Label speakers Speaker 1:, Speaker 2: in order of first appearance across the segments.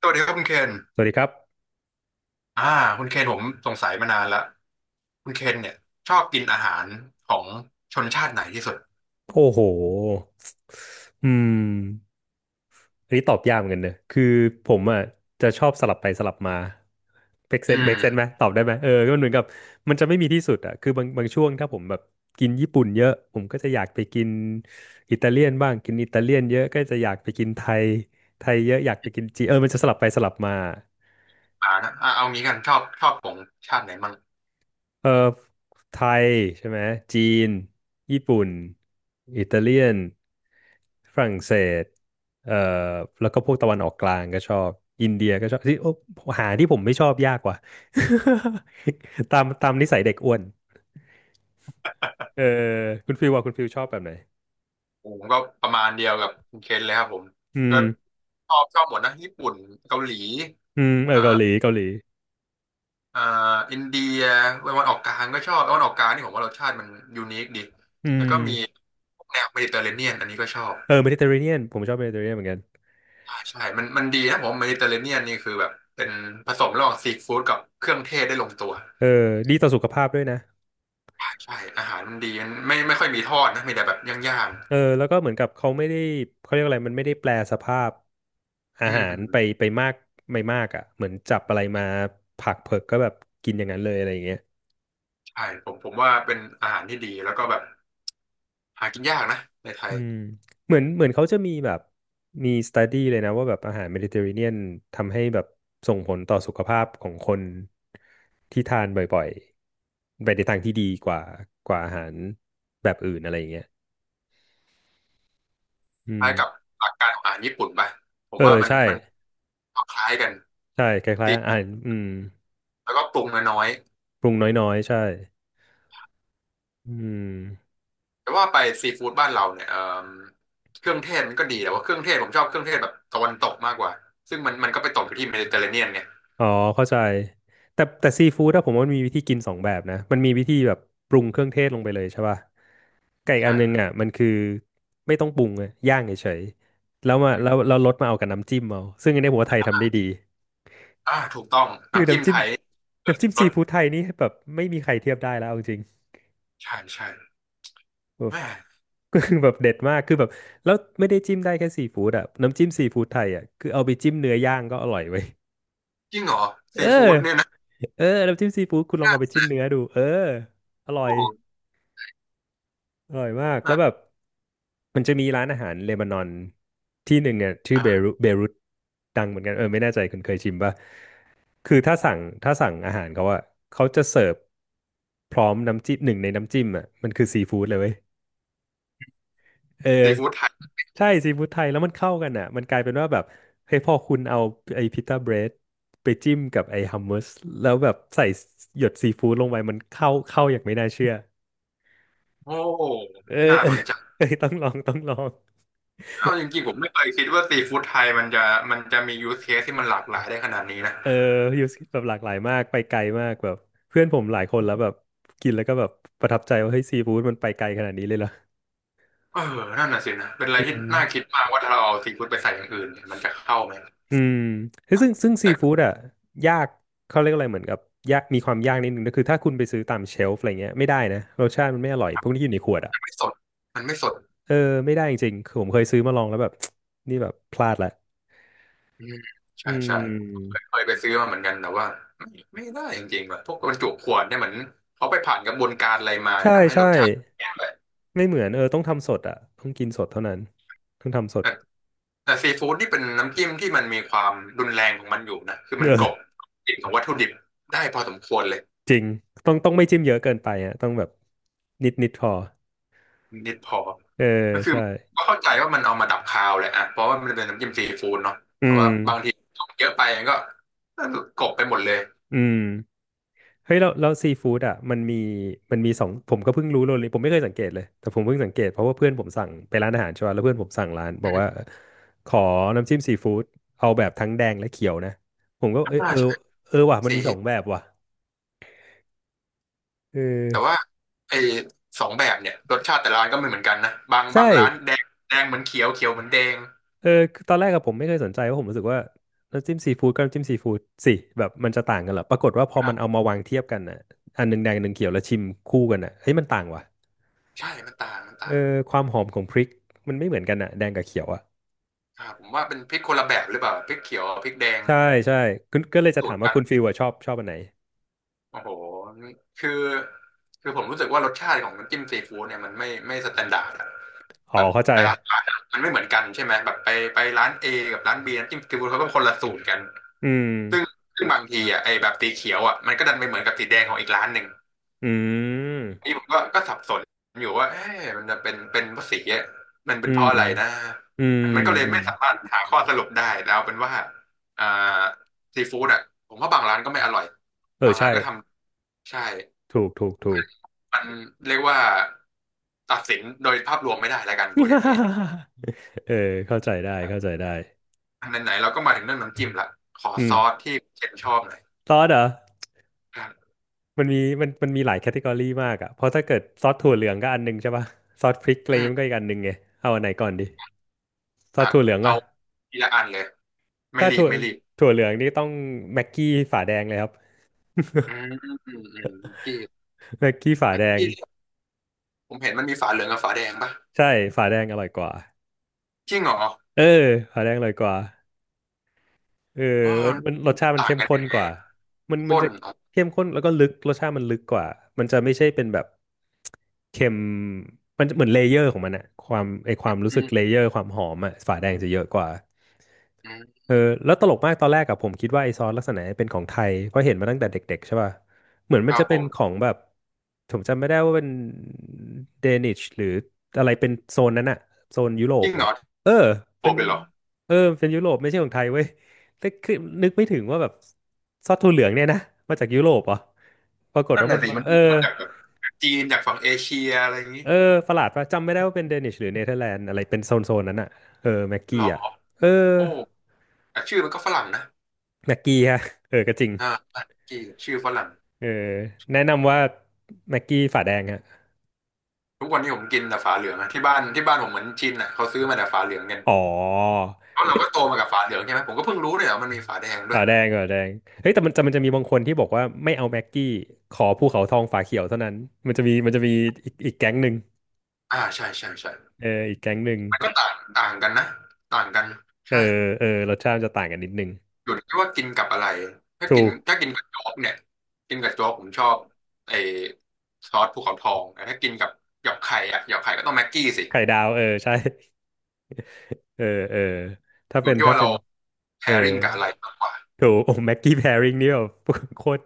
Speaker 1: สวัสดีครับคุณเคน
Speaker 2: สวัสดีครับ
Speaker 1: อ่าคุณเคนผมสงสัยมานานละคุณเคนเนี่ยชอบกินอาหารของชนชาติไหนที่สุด
Speaker 2: โอ้โหอืมอันนี้ตอบยากเหมือนกันเนอะคือผมอ่ะจะชอบสลับไปสลับมาเมคเซ
Speaker 1: อื
Speaker 2: นเมคเซนไหม
Speaker 1: ม
Speaker 2: ตอบได้ไหมเออก็มันเหมือนกับมันจะไม่มีที่สุดอ่ะคือบางช่วงถ้าผมแบบกินญี่ปุ่นเยอะผมก็จะอยากไปกินอิตาเลียนบ้างกินอิตาเลียนเยอะก็จะอยากไปกินไทยไทยเยอะอยากไปกินจีนเออมันจะสลับไปสลับมา
Speaker 1: อ่านะอ่าเอางี้กันชอบของชาติไหนมั่ง
Speaker 2: เออไทยใช่ไหมจีนญี่ปุ่นอิตาเลียนฝรั่งเศสเอ่อแล้วก็พวกตะวันออกกลางก็ชอบอินเดียก็ชอบที่โอ้หาที่ผมไม่ชอบยากกว่า ตามนิสัยเด็กอ้วนเออคุณฟิลว่าคุณฟิลชอบแบบไหน
Speaker 1: ผมก็ประมาณเดียวกับคุณเคนเลยครับผม
Speaker 2: อื
Speaker 1: ก็
Speaker 2: ม
Speaker 1: ชอบหมดนะญี่ปุ่นเกาหลี
Speaker 2: เออ
Speaker 1: เอ่อ
Speaker 2: เกาหลี
Speaker 1: เอ่ออินเดียตะวันออกกลางก็ชอบตะวันออกกลางนี่ผมว่ารสชาติมันยูนิคดี
Speaker 2: อื
Speaker 1: แล้วก็
Speaker 2: ม
Speaker 1: มีแนวเมดิเตอร์เรเนียนอันนี้ก็ชอบ
Speaker 2: เออเมดิเตอร์เรเนียนผมชอบเมดิเตอร์เรเนียนเหมือนกัน
Speaker 1: ใช่มันดีนะผมเมดิเตอร์เรเนียนนี่คือแบบเป็นผสมระหว่างซีฟู้ดกับเครื่องเทศได้ลงตัว
Speaker 2: เออดีต่อสุขภาพด้วยนะ
Speaker 1: ใช่อาหารมันดีมันไม่ค่อยมีทอดนะมีแต่แบบย่าง
Speaker 2: เออแล้วก็เหมือนกับเขาไม่ได้เขาเรียกอะไรมันไม่ได้แปลสภาพ
Speaker 1: ๆ
Speaker 2: อา
Speaker 1: อื
Speaker 2: หา
Speaker 1: ม
Speaker 2: รไปไปมากไม่มากอ่ะเหมือนจับอะไรมาผักเผือกก็แบบกินอย่างนั้นเลยอะไรอย่างเงี้ย
Speaker 1: ใช่ผมว่าเป็นอาหารที่ดีแล้วก็แบบหากินยากนะในไท
Speaker 2: อื
Speaker 1: ย
Speaker 2: มเหมือนเขาจะมีแบบมีสต u ดี้เลยนะว่าแบบอาหารเมดิเตอร์เรเนียนทำให้แบบส่งผลต่อสุขภาพของคนที่ทานบ่อยๆไปในทางที่ดีกว่ากว่าอาหารแบบอื่นอะไรอย่างเงี้ยอื
Speaker 1: ค
Speaker 2: ม
Speaker 1: ล้ายกับหลักการของอาหารญี่ปุ่นไปผ
Speaker 2: เอ
Speaker 1: ม
Speaker 2: อ
Speaker 1: ว่ามัน
Speaker 2: ใช่
Speaker 1: มันคล้ายกัน
Speaker 2: ใช่คล้าย
Speaker 1: ตี
Speaker 2: ๆอาหาร
Speaker 1: แล้วก็ปรุงน้อย
Speaker 2: ปรุงน้อยๆใช่อืม
Speaker 1: ๆแต่ว่าไปซีฟู้ดบ้านเราเนี่ยเอ่มเครื่องเทศมันก็ดีแต่ว่าเครื่องเทศผมชอบเครื่องเทศแบบตะวันตกมากกว่าซึ่งมันก็ไปตกอยู่ที่เมดิเตอร์เรเนียนไง
Speaker 2: อ๋อเข้าใจแต่แต่ซีฟู้ดอะผมว่ามันมีวิธีกินสองแบบนะมันมีวิธีแบบปรุงเครื่องเทศลงไปเลยใช่ป่ะไก่อกอันนึง
Speaker 1: ใช่
Speaker 2: อะมันคือไม่ต้องปรุงอะย่างเฉยๆแล้วมาแล้วเราลดมาเอากับน้ำจิ้มเอาซึ่งอันนี้ผมว่าไทยทำได้ดี
Speaker 1: อ่าถูกต้อง
Speaker 2: คือ
Speaker 1: น้ำจิ้ม
Speaker 2: น้ำจิ้
Speaker 1: ไท
Speaker 2: ม
Speaker 1: ยเกิด
Speaker 2: น้ำจิ้ม
Speaker 1: ร
Speaker 2: ซี
Speaker 1: ส
Speaker 2: ฟู้ดไทยนี่แบบไม่มีใครเทียบได้แล้วเอาจริง
Speaker 1: ใช่ใช่
Speaker 2: แบบ
Speaker 1: แม่
Speaker 2: ก็คือแบบเด็ดมากคือแบบแล้วไม่ได้จิ้มได้แค่ซีฟู้ดอะน้ำจิ้มซีฟู้ดไทยอะคือเอาไปจิ้มเนื้อย่างก็อร่อยเว้ย
Speaker 1: จริงเหรอ
Speaker 2: เอ
Speaker 1: ซีฟู้ด
Speaker 2: อ
Speaker 1: เนี่ยนะ
Speaker 2: เออน้ำจิ้มซีฟู้ดคุณลองเอาไปจิ้มเนื้อดูเอออร่อ
Speaker 1: โอ้
Speaker 2: ย อร่อยมากแล้วแบบ
Speaker 1: น่า
Speaker 2: มันจะมีร้านอาหารเลบานอนที่หนึ่งเนี่ยชื่อเบ
Speaker 1: อ่า
Speaker 2: รุตเบรุตดังเหมือนกันเออไม่แน่ใจคุณเคยชิมป่ะคือถ้าสั่งอาหารเขาอะเขาจะเสิร์ฟพร้อมน้ำจิ้มหนึ่งในน้ำจิ้มอะมันคือซีฟู้ดเลยเว้ยเอ
Speaker 1: ซี
Speaker 2: อ
Speaker 1: ฟู้ดไทย
Speaker 2: ใช่ซีฟู้ดไทยแล้วมันเข้ากันอะมันกลายเป็นว่าแบบเฮ้ยพอคุณเอาไอ้พิต้าเบรดไปจิ้มกับไอ้ฮัมมัสแล้วแบบใส่หยดซีฟู้ดลงไปมันเข้าอย่างไม่น่าเชื่อ
Speaker 1: โอ้
Speaker 2: เออ
Speaker 1: น่า
Speaker 2: เออ
Speaker 1: สนใจ
Speaker 2: เออต้องลอง
Speaker 1: เอาจริงๆผมไม่เคยคิดว่าซีฟู้ดไทยมันจะมียูสเคสที่มันหลากหลายได้ขนาดนี้นะ
Speaker 2: เออยู่แบบหลากหลายมาก ไปไกลมากแบบเพื่อนผมหลายคนแล้วแบบกินแล้วก็แบบประทับใจว่าเฮ้ยซีฟู้ดมันไปไกลขนาดนี้เลยเหรอ
Speaker 1: เออนั่นน่ะสินะเป็นอะไร
Speaker 2: อื
Speaker 1: ที่
Speaker 2: ม
Speaker 1: น่าคิดมากว่าถ้าเราเอาซีฟู้ดไปใส่อย่างอื่นเนี่ยมันจะเข้าไหม
Speaker 2: อืมเฮ้ยซึ่งซีฟู้
Speaker 1: แต่
Speaker 2: ดอ่ะยากเขาเรียกอะไรเหมือนกับยากมีความยากนิดนึงก็คือถ้าคุณไปซื้อตามเชลฟ์อะไรเงี้ยไม่ได้นะรสชาติมันไม่อร่อยพวกนี้อยู่ในขวดอ่ะ
Speaker 1: มันไม่สดมันไม่สด
Speaker 2: เออไม่ได้จริงๆคือผมเคยซื้อมาลองแล้วแบบ นี่แบบพลาดละ
Speaker 1: อืมใช่
Speaker 2: อื
Speaker 1: ใช่
Speaker 2: ม
Speaker 1: เคยไปซื้อมาเหมือนกันแต่ว่าไม่ได้จริงๆแบบพวกบรรจุขวดเนี่ยเหมือนเขาไปผ่านกระบวนการอะไรมา
Speaker 2: ใช่
Speaker 1: ทำให้ร
Speaker 2: ใช่
Speaker 1: สชาติแย่ไป
Speaker 2: ไม่เหมือนเออต้องทำสดอ่ะต้องกินสดเท่านั้นต้องทำสด
Speaker 1: แต่แต่ซีฟู้ดนี่เป็นน้ำจิ้มที่มันมีความรุนแรงของมันอยู่นะคือมันกลบ
Speaker 2: เออ
Speaker 1: กลิ่นของวัตถุดิบได้พอสมควรเลย
Speaker 2: จริง ต้องไม่จิ้มเยอะเกินไปอ่ะต้องแบบนิดนิดพอ
Speaker 1: นิดพอ
Speaker 2: เออ
Speaker 1: ก็คือ
Speaker 2: ใช่
Speaker 1: ก็เข้าใจว่ามันเอามาดับคาวแหละอ่ะเพราะว่ามันเป็นน้ำจิ้มซีฟู้ดเนาะแต่
Speaker 2: อื
Speaker 1: ว่า
Speaker 2: ม
Speaker 1: บางทีเยอะไปมันก็กลบไปหมดเลย
Speaker 2: อืมเฮ้ยแล้วซีฟู้ดอ่ะมันมีสองผมก็เพิ่งรู้เลยผมไม่เคยสังเกตเลย แต่ผมเพิ่งสังเกตเพราะว่าเพื่อนผมสั่งไปร้านอาหารใช่ป่ะแล้วเพื่อนผมสั่งร้านบอก
Speaker 1: อ
Speaker 2: ว่า
Speaker 1: ม
Speaker 2: ขอน้ำจิ้มซีฟู้ดเอาแบบทั้งแดงและเขียวนะ ผมก็เออ
Speaker 1: อ่า
Speaker 2: เออเออว่ะ มัน
Speaker 1: ใช่
Speaker 2: มีสองแบ
Speaker 1: ส
Speaker 2: บว่ะเออ
Speaker 1: แต่ว่าไอ้สองแบบเนี่ยรสชาติแต่ละร้านก็ไม่เหมือนกันนะบาง
Speaker 2: ใช่
Speaker 1: บางร้านแดงแดงเหมือนเขียวเขียวเหมือนแดง
Speaker 2: เออคือตอนแรกอะผมไม่เคยสนใจเพราะผมรู้สึกว่าน้ำจิ้มซีฟู้ดกับน้ำจิ้มซีฟู้ดสิแบบมันจะต่างกันเหรอปรากฏว่าพอ
Speaker 1: ครั
Speaker 2: มันเอา
Speaker 1: บ
Speaker 2: มาวางเทียบกันน่ะอันหนึ่งแดงอันหนึ่งเขียวแล้วชิมคู่กันน่ะเฮ้ยมันต่างว่ะ
Speaker 1: ใช่มันต่างมัน
Speaker 2: เอ
Speaker 1: ต่าง
Speaker 2: อความหอมของพริกมันไม่เหมือนกันน่ะแดงกับเขียวอะ
Speaker 1: ครับผมว่าเป็นพริกคนละแบบหรือเปล่าพริกเขียวกับพริกแดง
Speaker 2: ใช่ใช่คุณก็เลยจะ
Speaker 1: สู
Speaker 2: ถา
Speaker 1: ต
Speaker 2: ม
Speaker 1: ร
Speaker 2: ว่า
Speaker 1: กัน
Speaker 2: คุณฟิลอะชอบชอบอันไหน
Speaker 1: โอ้โหคือคือผมรู้สึกว่ารสชาติของน้ำจิ้มซีฟู้ดเนี่ยมันไม่สแตนดาร์ดอะ
Speaker 2: อ๋อ
Speaker 1: แบบ
Speaker 2: เข้าใจ
Speaker 1: แต่ละร้านอะมันไม่เหมือนกันใช่ไหมแบบไปไปร้าน A กับร้าน B น้ำจิ้มซีฟู้ดเขาก็คนละสูตรกัน
Speaker 2: อืม
Speaker 1: ซึ่งซึ่งบางทีอ่ะไอ้แบบสีเขียวอ่ะมันก็ดันไปเหมือนกับสีแดงของอีกร้านหนึ่ง
Speaker 2: อื
Speaker 1: นี่
Speaker 2: ม
Speaker 1: ผมก็ก็สับสนอยู่ว่าเอ๊ะมันจะเป็นเพราะสีอะมันเป็
Speaker 2: อื
Speaker 1: นเพ
Speaker 2: ม
Speaker 1: ราะอะไรนะ
Speaker 2: อืม
Speaker 1: มันก็เลย
Speaker 2: อืม
Speaker 1: ไม่สามารถหาข้อสรุปได้แล้วเป็นว่าอ่าซีฟู้ดอ่ะผมว่าบางร้านก็ไม่อร่อย
Speaker 2: เออ
Speaker 1: บางร้า
Speaker 2: ใช่
Speaker 1: นก็ทำใช่
Speaker 2: ถูกถูกถูก
Speaker 1: มันเรียกว่าตัดสินโดยภาพรวมไม่ได้แล้วกันพูดอย่างนี้
Speaker 2: เออเข้าใจได้เข้าใจได้
Speaker 1: อันไหนๆเราก็มาถึงเรื่องน้ำจิ้มละขอ
Speaker 2: อื
Speaker 1: ซ
Speaker 2: ม
Speaker 1: อสที่เชนชอบหน่อย
Speaker 2: ซอสเหรอ
Speaker 1: ครับ
Speaker 2: มันมีหลายแคตตากรีมากอ่ะเพราะถ้าเกิดซอสถั่วเหลืองก็อันหนึงใช่ป่ะซอสพริกอะไรอ
Speaker 1: อื
Speaker 2: ย่างงี้มันก็
Speaker 1: ม
Speaker 2: อีกอันหนึงไงเอาอันไหนก่อนดีซอส
Speaker 1: อ่ะ
Speaker 2: ถั่วเหลือง
Speaker 1: เอา
Speaker 2: ป่ะ
Speaker 1: ทีละอันเลยไม่
Speaker 2: ถ้า
Speaker 1: รี
Speaker 2: ถั่
Speaker 1: บ
Speaker 2: ว
Speaker 1: ไม่รีบ
Speaker 2: ถั่วเหลืองนี่ต้องแม็กกี้ฝาแดงเลยครับ
Speaker 1: อืมอืมอืมเมื่อกี้
Speaker 2: แม็กกี้ฝา
Speaker 1: เมื่อ
Speaker 2: แดง
Speaker 1: กี้ ผมเห็นมันมีฝาเหลืองกับฝาแดงปะ
Speaker 2: ใช่ฝาแดงอร่อยกว่า
Speaker 1: จริงเหรอ
Speaker 2: เออฝาแดงอร่อยกว่า เออ
Speaker 1: อ๋อมัน
Speaker 2: มันรสชาติมัน
Speaker 1: ต่าง
Speaker 2: เข้ม
Speaker 1: กัน
Speaker 2: ข้
Speaker 1: ยั
Speaker 2: น
Speaker 1: งไง
Speaker 2: กว่ามันมั
Speaker 1: ข้
Speaker 2: น
Speaker 1: น
Speaker 2: จะ
Speaker 1: อ๋อ
Speaker 2: เข้มข้นแล้วก็ลึกรสชาติมันลึกกว่า มันจะไม่ใช่เป็นแบบเค็มมันจะเหมือนเลเยอร์ของมันอะความไอความรู้สึก
Speaker 1: อื
Speaker 2: เล
Speaker 1: ม
Speaker 2: เยอร์ความหอมอะฝาแดงจะเยอะกว่า
Speaker 1: อืม
Speaker 2: เออแล้วตลกมากตอนแรกอะผมคิดว่าไอซอสลักษณะเนี้ยเป็นของไทยเพราะเห็นมาตั้งแต่เด็กๆใช่ป่ะเหมือน
Speaker 1: ค
Speaker 2: มัน
Speaker 1: รั
Speaker 2: จะ
Speaker 1: บผ
Speaker 2: เป็น
Speaker 1: ม
Speaker 2: ของแบบผมจำไม่ได้ว่าเป็นเดนิชหรืออะไรเป็นโซนนั้นอะโซนยุโร
Speaker 1: จ
Speaker 2: ป
Speaker 1: ริง
Speaker 2: แบ
Speaker 1: เหร
Speaker 2: บ
Speaker 1: อ
Speaker 2: เออ
Speaker 1: โผล่
Speaker 2: เป็น
Speaker 1: ไปเหรอ
Speaker 2: เออเป็นยุโรปไม่ใช่ของไทยเว้ยแต่คือนึกไม่ถึงว่าแบบซอสถั่วเหลืองเนี่ยนะมาจากยุโรปเหรอ่ะปรากฏ
Speaker 1: นั่น
Speaker 2: ว่ามั
Speaker 1: น่ะ
Speaker 2: น
Speaker 1: สิ
Speaker 2: มา
Speaker 1: มัน
Speaker 2: เออ
Speaker 1: มาจากแบบจีนจากฝั่งเอเชียอะไรอย่างนี้
Speaker 2: เออประหลาดป่ะจำไม่ได้ว่าเป็นเดนิชหรือเนเธอร์แลนด์อะไรเป็นโซนนั้นอะเออแม็ก
Speaker 1: หร
Speaker 2: กี้
Speaker 1: อ
Speaker 2: อะเออ
Speaker 1: โอ้แต่ชื่อมันก็ฝรั่งนะ
Speaker 2: แม็กกี้ฮะเออก็จริง
Speaker 1: อ่าจีชื่อฝรั่ง
Speaker 2: เออแนะนำว่าแม็กกี้ฝาแดงฮะ
Speaker 1: ทุกวันนี้ผมกินแต่ฝาเหลืองอะที่บ้านที่บ้านผมเหมือนชินอ่ะเขาซื้อมาแต่ฝาเหลืองกัน
Speaker 2: อ๋อ
Speaker 1: เพราะเรา
Speaker 2: เฮ้ย
Speaker 1: ก็โตมากับฝาเหลืองใช่ไหมผมก็เพิ่งรู้เลยว่ามันมีฝาแดงด้ว
Speaker 2: ฝา
Speaker 1: ย
Speaker 2: แดงฝาแดงเฮ้ยแต่มันจะมีบางคนที่บอกว่าไม่เอาแม็กกี้ขอภูเขาทองฝาเขียวเท่านั้นมันจะมีมันจะมีอีกแก๊งหนึ่ง
Speaker 1: อ่าใช่ใช่ใช่
Speaker 2: เอออีกแก๊งหนึ่ง
Speaker 1: มันก็ต่างต่างกันนะ ต่างกัน
Speaker 2: เออ
Speaker 1: ใช่
Speaker 2: เออรสชาติมันจะต่างกันนิดนึง
Speaker 1: อยู่ที่ว่ากินกับอะไรถ้า
Speaker 2: ถู
Speaker 1: กิน
Speaker 2: ก
Speaker 1: ถ้ากินกับโจ๊กเนี่ยกินกับโจ๊กผมชอบไอ้ซอสภูเขาทองแต่ถ้ากินกับหยอกไข่อะหยอกไข่ก็ต้องแม็กกี้สิ
Speaker 2: ไข่ดาวเออใช่เออเออถ้า
Speaker 1: อ
Speaker 2: เป็
Speaker 1: ยู่
Speaker 2: น
Speaker 1: ที่
Speaker 2: ถ้า
Speaker 1: ว่า
Speaker 2: เป็
Speaker 1: เรา
Speaker 2: น
Speaker 1: แพ
Speaker 2: เออ
Speaker 1: i ริ n งกับอะไรมากกว่า
Speaker 2: ถูกโอ้แม็กกี้แพริงนี่แบบ โคตร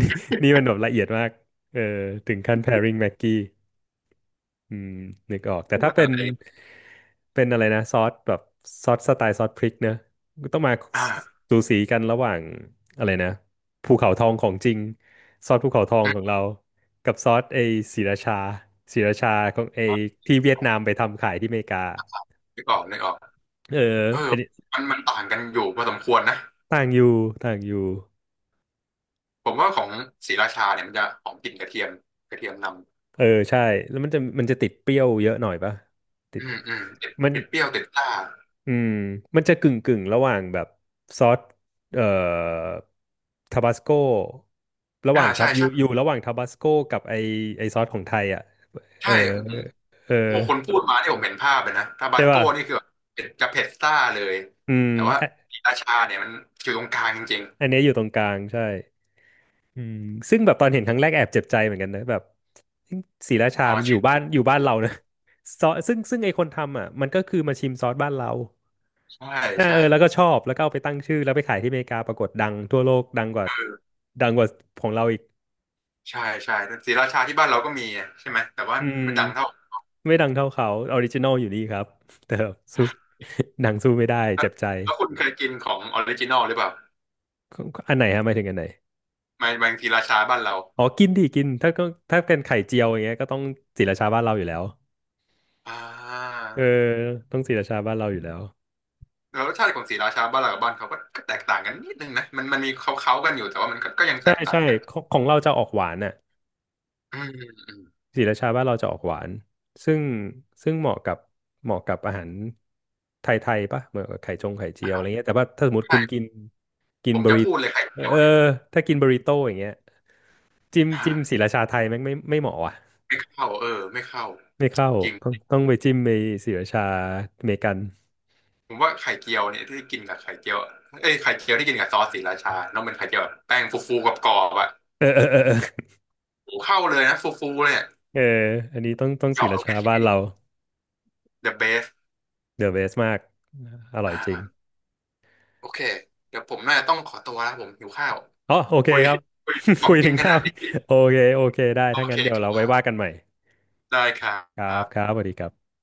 Speaker 2: นี่นี่มันแบบละเอียดมากเออถึงขั้นแพริงแม็กกี้ อืมนึกออกแต่
Speaker 1: พูด
Speaker 2: ถ้า
Speaker 1: ว่า
Speaker 2: เป็
Speaker 1: อะ
Speaker 2: น
Speaker 1: ไร
Speaker 2: เป็นอะไรนะซอสแบบซอสสไตล์ซอสพริกเนอะก็ต้องมา
Speaker 1: อ่า
Speaker 2: สูสีกันระหว่างอะไรนะภูเขาทองของจริงซอสภูเขาทอง
Speaker 1: อื
Speaker 2: ของ
Speaker 1: ม
Speaker 2: เรากับซอสไอศรีราชาศรีราชาของไอที่เวียดนามไปทำขายที่อเมริกา
Speaker 1: นึกออกนึกออก
Speaker 2: เออ
Speaker 1: เออ
Speaker 2: อันนี้
Speaker 1: มันต่างกันอยู่พอสมควรนะ
Speaker 2: ต่างอยู่ต่างอยู่
Speaker 1: ผมว่าของศรีราชาเนี่ยมันจะหอมกลิ่นกระเทียมกระเทียมน
Speaker 2: เออใช่แล้วมันจะติดเปรี้ยวเยอะหน่อยปะติ
Speaker 1: ำ
Speaker 2: ด
Speaker 1: อืมอืม
Speaker 2: มัน
Speaker 1: ติดเปรี้ยวติดซ่า
Speaker 2: อืมมันจะกึ่งระหว่างแบบซอสเอ่อทาบาสโกระห
Speaker 1: อ่า
Speaker 2: ว่างทั
Speaker 1: ใช่
Speaker 2: บอยู่
Speaker 1: ใช่
Speaker 2: ระหว่างทาบาสโกกับไอซอสของไทยอ่ะเอ
Speaker 1: ใช่
Speaker 2: อ
Speaker 1: อืม
Speaker 2: เออ
Speaker 1: โอ้คนพูดมาที่ผมเห็นภาพเลยนะทาบา
Speaker 2: ใช่
Speaker 1: สโก้
Speaker 2: ป่ะ
Speaker 1: นี่คือแบบเผ็ดจะเผ็ดซ่าเลย
Speaker 2: อืม
Speaker 1: แต่ว่า
Speaker 2: อะ
Speaker 1: ศรีราชาเนี่ยมันอยู่ตรงกลางจริง
Speaker 2: อันเนี้ยอยู่ตรงกลางใช่อืมซึ่งแบบตอนเห็นครั้งแรกแอบเจ็บใจเหมือนกันนะแบบศรีรา
Speaker 1: ๆ
Speaker 2: ชา
Speaker 1: อ๋อ
Speaker 2: มันอ
Speaker 1: ชื่
Speaker 2: ยู่บ้า
Speaker 1: อ
Speaker 2: นอยู่บ้านเรานะ ซอสซึ่งไอคนทำอ่ะมันก็คือมาชิมซอสบ้านเรา
Speaker 1: ใช่
Speaker 2: อ่า
Speaker 1: ใช่
Speaker 2: เออแล้วก็ชอบแล้วก็เอาไปตั้งชื่อแล้วไปขายที่อเมริกาปรากฏดังทั่วโลกดังกว่าดังกว่าของเราอีก
Speaker 1: ใช่ใช่ศรีราชาที่บ้านเราก็มีใช่ไหมแต่ว่า
Speaker 2: อืม
Speaker 1: ไม่ดังเท่า
Speaker 2: ไม่ดังเท่าเขาออริจินอลอยู่นี่ครับ แต่สู้ หนังสู้ไม่ได้
Speaker 1: แล้
Speaker 2: เจ็
Speaker 1: ว
Speaker 2: บใจ
Speaker 1: แล้วคุณเคยกินของออริจินอลหรือเปล่า
Speaker 2: อันไหนฮะหมายถึงอันไหน
Speaker 1: ไมับางศรีราชาบ้านเรา
Speaker 2: อ๋อกินดิกินถ้าก็ถ้าเป็นไข่เจียวอย่างเงี้ยก็ต้องศรีราชาบ้านเราอยู่แล้ว
Speaker 1: อ่า
Speaker 2: เออต้องศรีราชาบ้านเราอยู่แล้ว
Speaker 1: แล้วรสชาติของศรีราชาบ้านเรากับบ้านเขาก็ก็แตกต่างกันนิดนึงนะมันมันมีเขาเขากันอยู่แต่ว่ามันก็ก็ยังแต
Speaker 2: ใช่
Speaker 1: กต่า
Speaker 2: ใช่
Speaker 1: งกัน
Speaker 2: ของของเราจะออกหวานอ่ะ
Speaker 1: อืมอืม
Speaker 2: ศรีราชาบ้านเราจะออกหวานซึ่งซึ่งเหมาะกับเหมาะกับอาหารไทยๆปะเหมือนกับไข่จงไข่เจี
Speaker 1: อ่า
Speaker 2: ยวอะไรเงี้ยแต่ว่าถ้าสมมติ
Speaker 1: ใช่
Speaker 2: คุณกินกิน
Speaker 1: ผม
Speaker 2: บ
Speaker 1: จะ
Speaker 2: ริ
Speaker 1: พูดเลยไข่
Speaker 2: เอ
Speaker 1: เจียว
Speaker 2: อ
Speaker 1: เนี่ย
Speaker 2: ถ้ากินบริโต้อย่างเงี้ยจิ้มศรี
Speaker 1: อ่า
Speaker 2: ราชาไทยแม่งไม่เหมาะว่ะ
Speaker 1: ไม่เข้าเออไม่เข้า
Speaker 2: ไม่เข้า
Speaker 1: จริง
Speaker 2: ต้องไปจิ้มไปศรีราชาอเมริกัน
Speaker 1: ผมว่าไข่เจียวเนี่ยที่กินกับไข่เจียวเอ้ยไข่เจียวที่กินกับซอสศรีราชาแล้วมันไข่เจียวแบบแป้งฟูๆกับกรอบๆอะ
Speaker 2: เออเออเออเออ
Speaker 1: โอ้เข้าเลยนะฟูๆเลยอะ
Speaker 2: เอออันนี้ต้อง
Speaker 1: เห
Speaker 2: ศรี
Speaker 1: ยาะล
Speaker 2: รา
Speaker 1: งไป
Speaker 2: ชา
Speaker 1: ที
Speaker 2: บ้าน
Speaker 1: นี้
Speaker 2: เรา
Speaker 1: the best
Speaker 2: เดอะเบสมากอร่อ
Speaker 1: อ่
Speaker 2: ยจริง
Speaker 1: าโอเคเดี๋ยวผมน่าจะต้องขอตัวแล้วผมหิวข้าว
Speaker 2: อ๋อโอเค
Speaker 1: คุย
Speaker 2: ครับ
Speaker 1: คุยข อ
Speaker 2: คุ
Speaker 1: ง
Speaker 2: ย
Speaker 1: กิ
Speaker 2: ถึ
Speaker 1: น
Speaker 2: ง
Speaker 1: ข
Speaker 2: ข้า
Speaker 1: นา
Speaker 2: ว
Speaker 1: ดนี้
Speaker 2: โอเคโอเคได้
Speaker 1: โอ
Speaker 2: ถ้างั้
Speaker 1: เค
Speaker 2: นเดี๋ยวเราไว้ว่ากันใหม่
Speaker 1: ได้ครั
Speaker 2: ครับ
Speaker 1: บ
Speaker 2: ครับสวัสดีครับ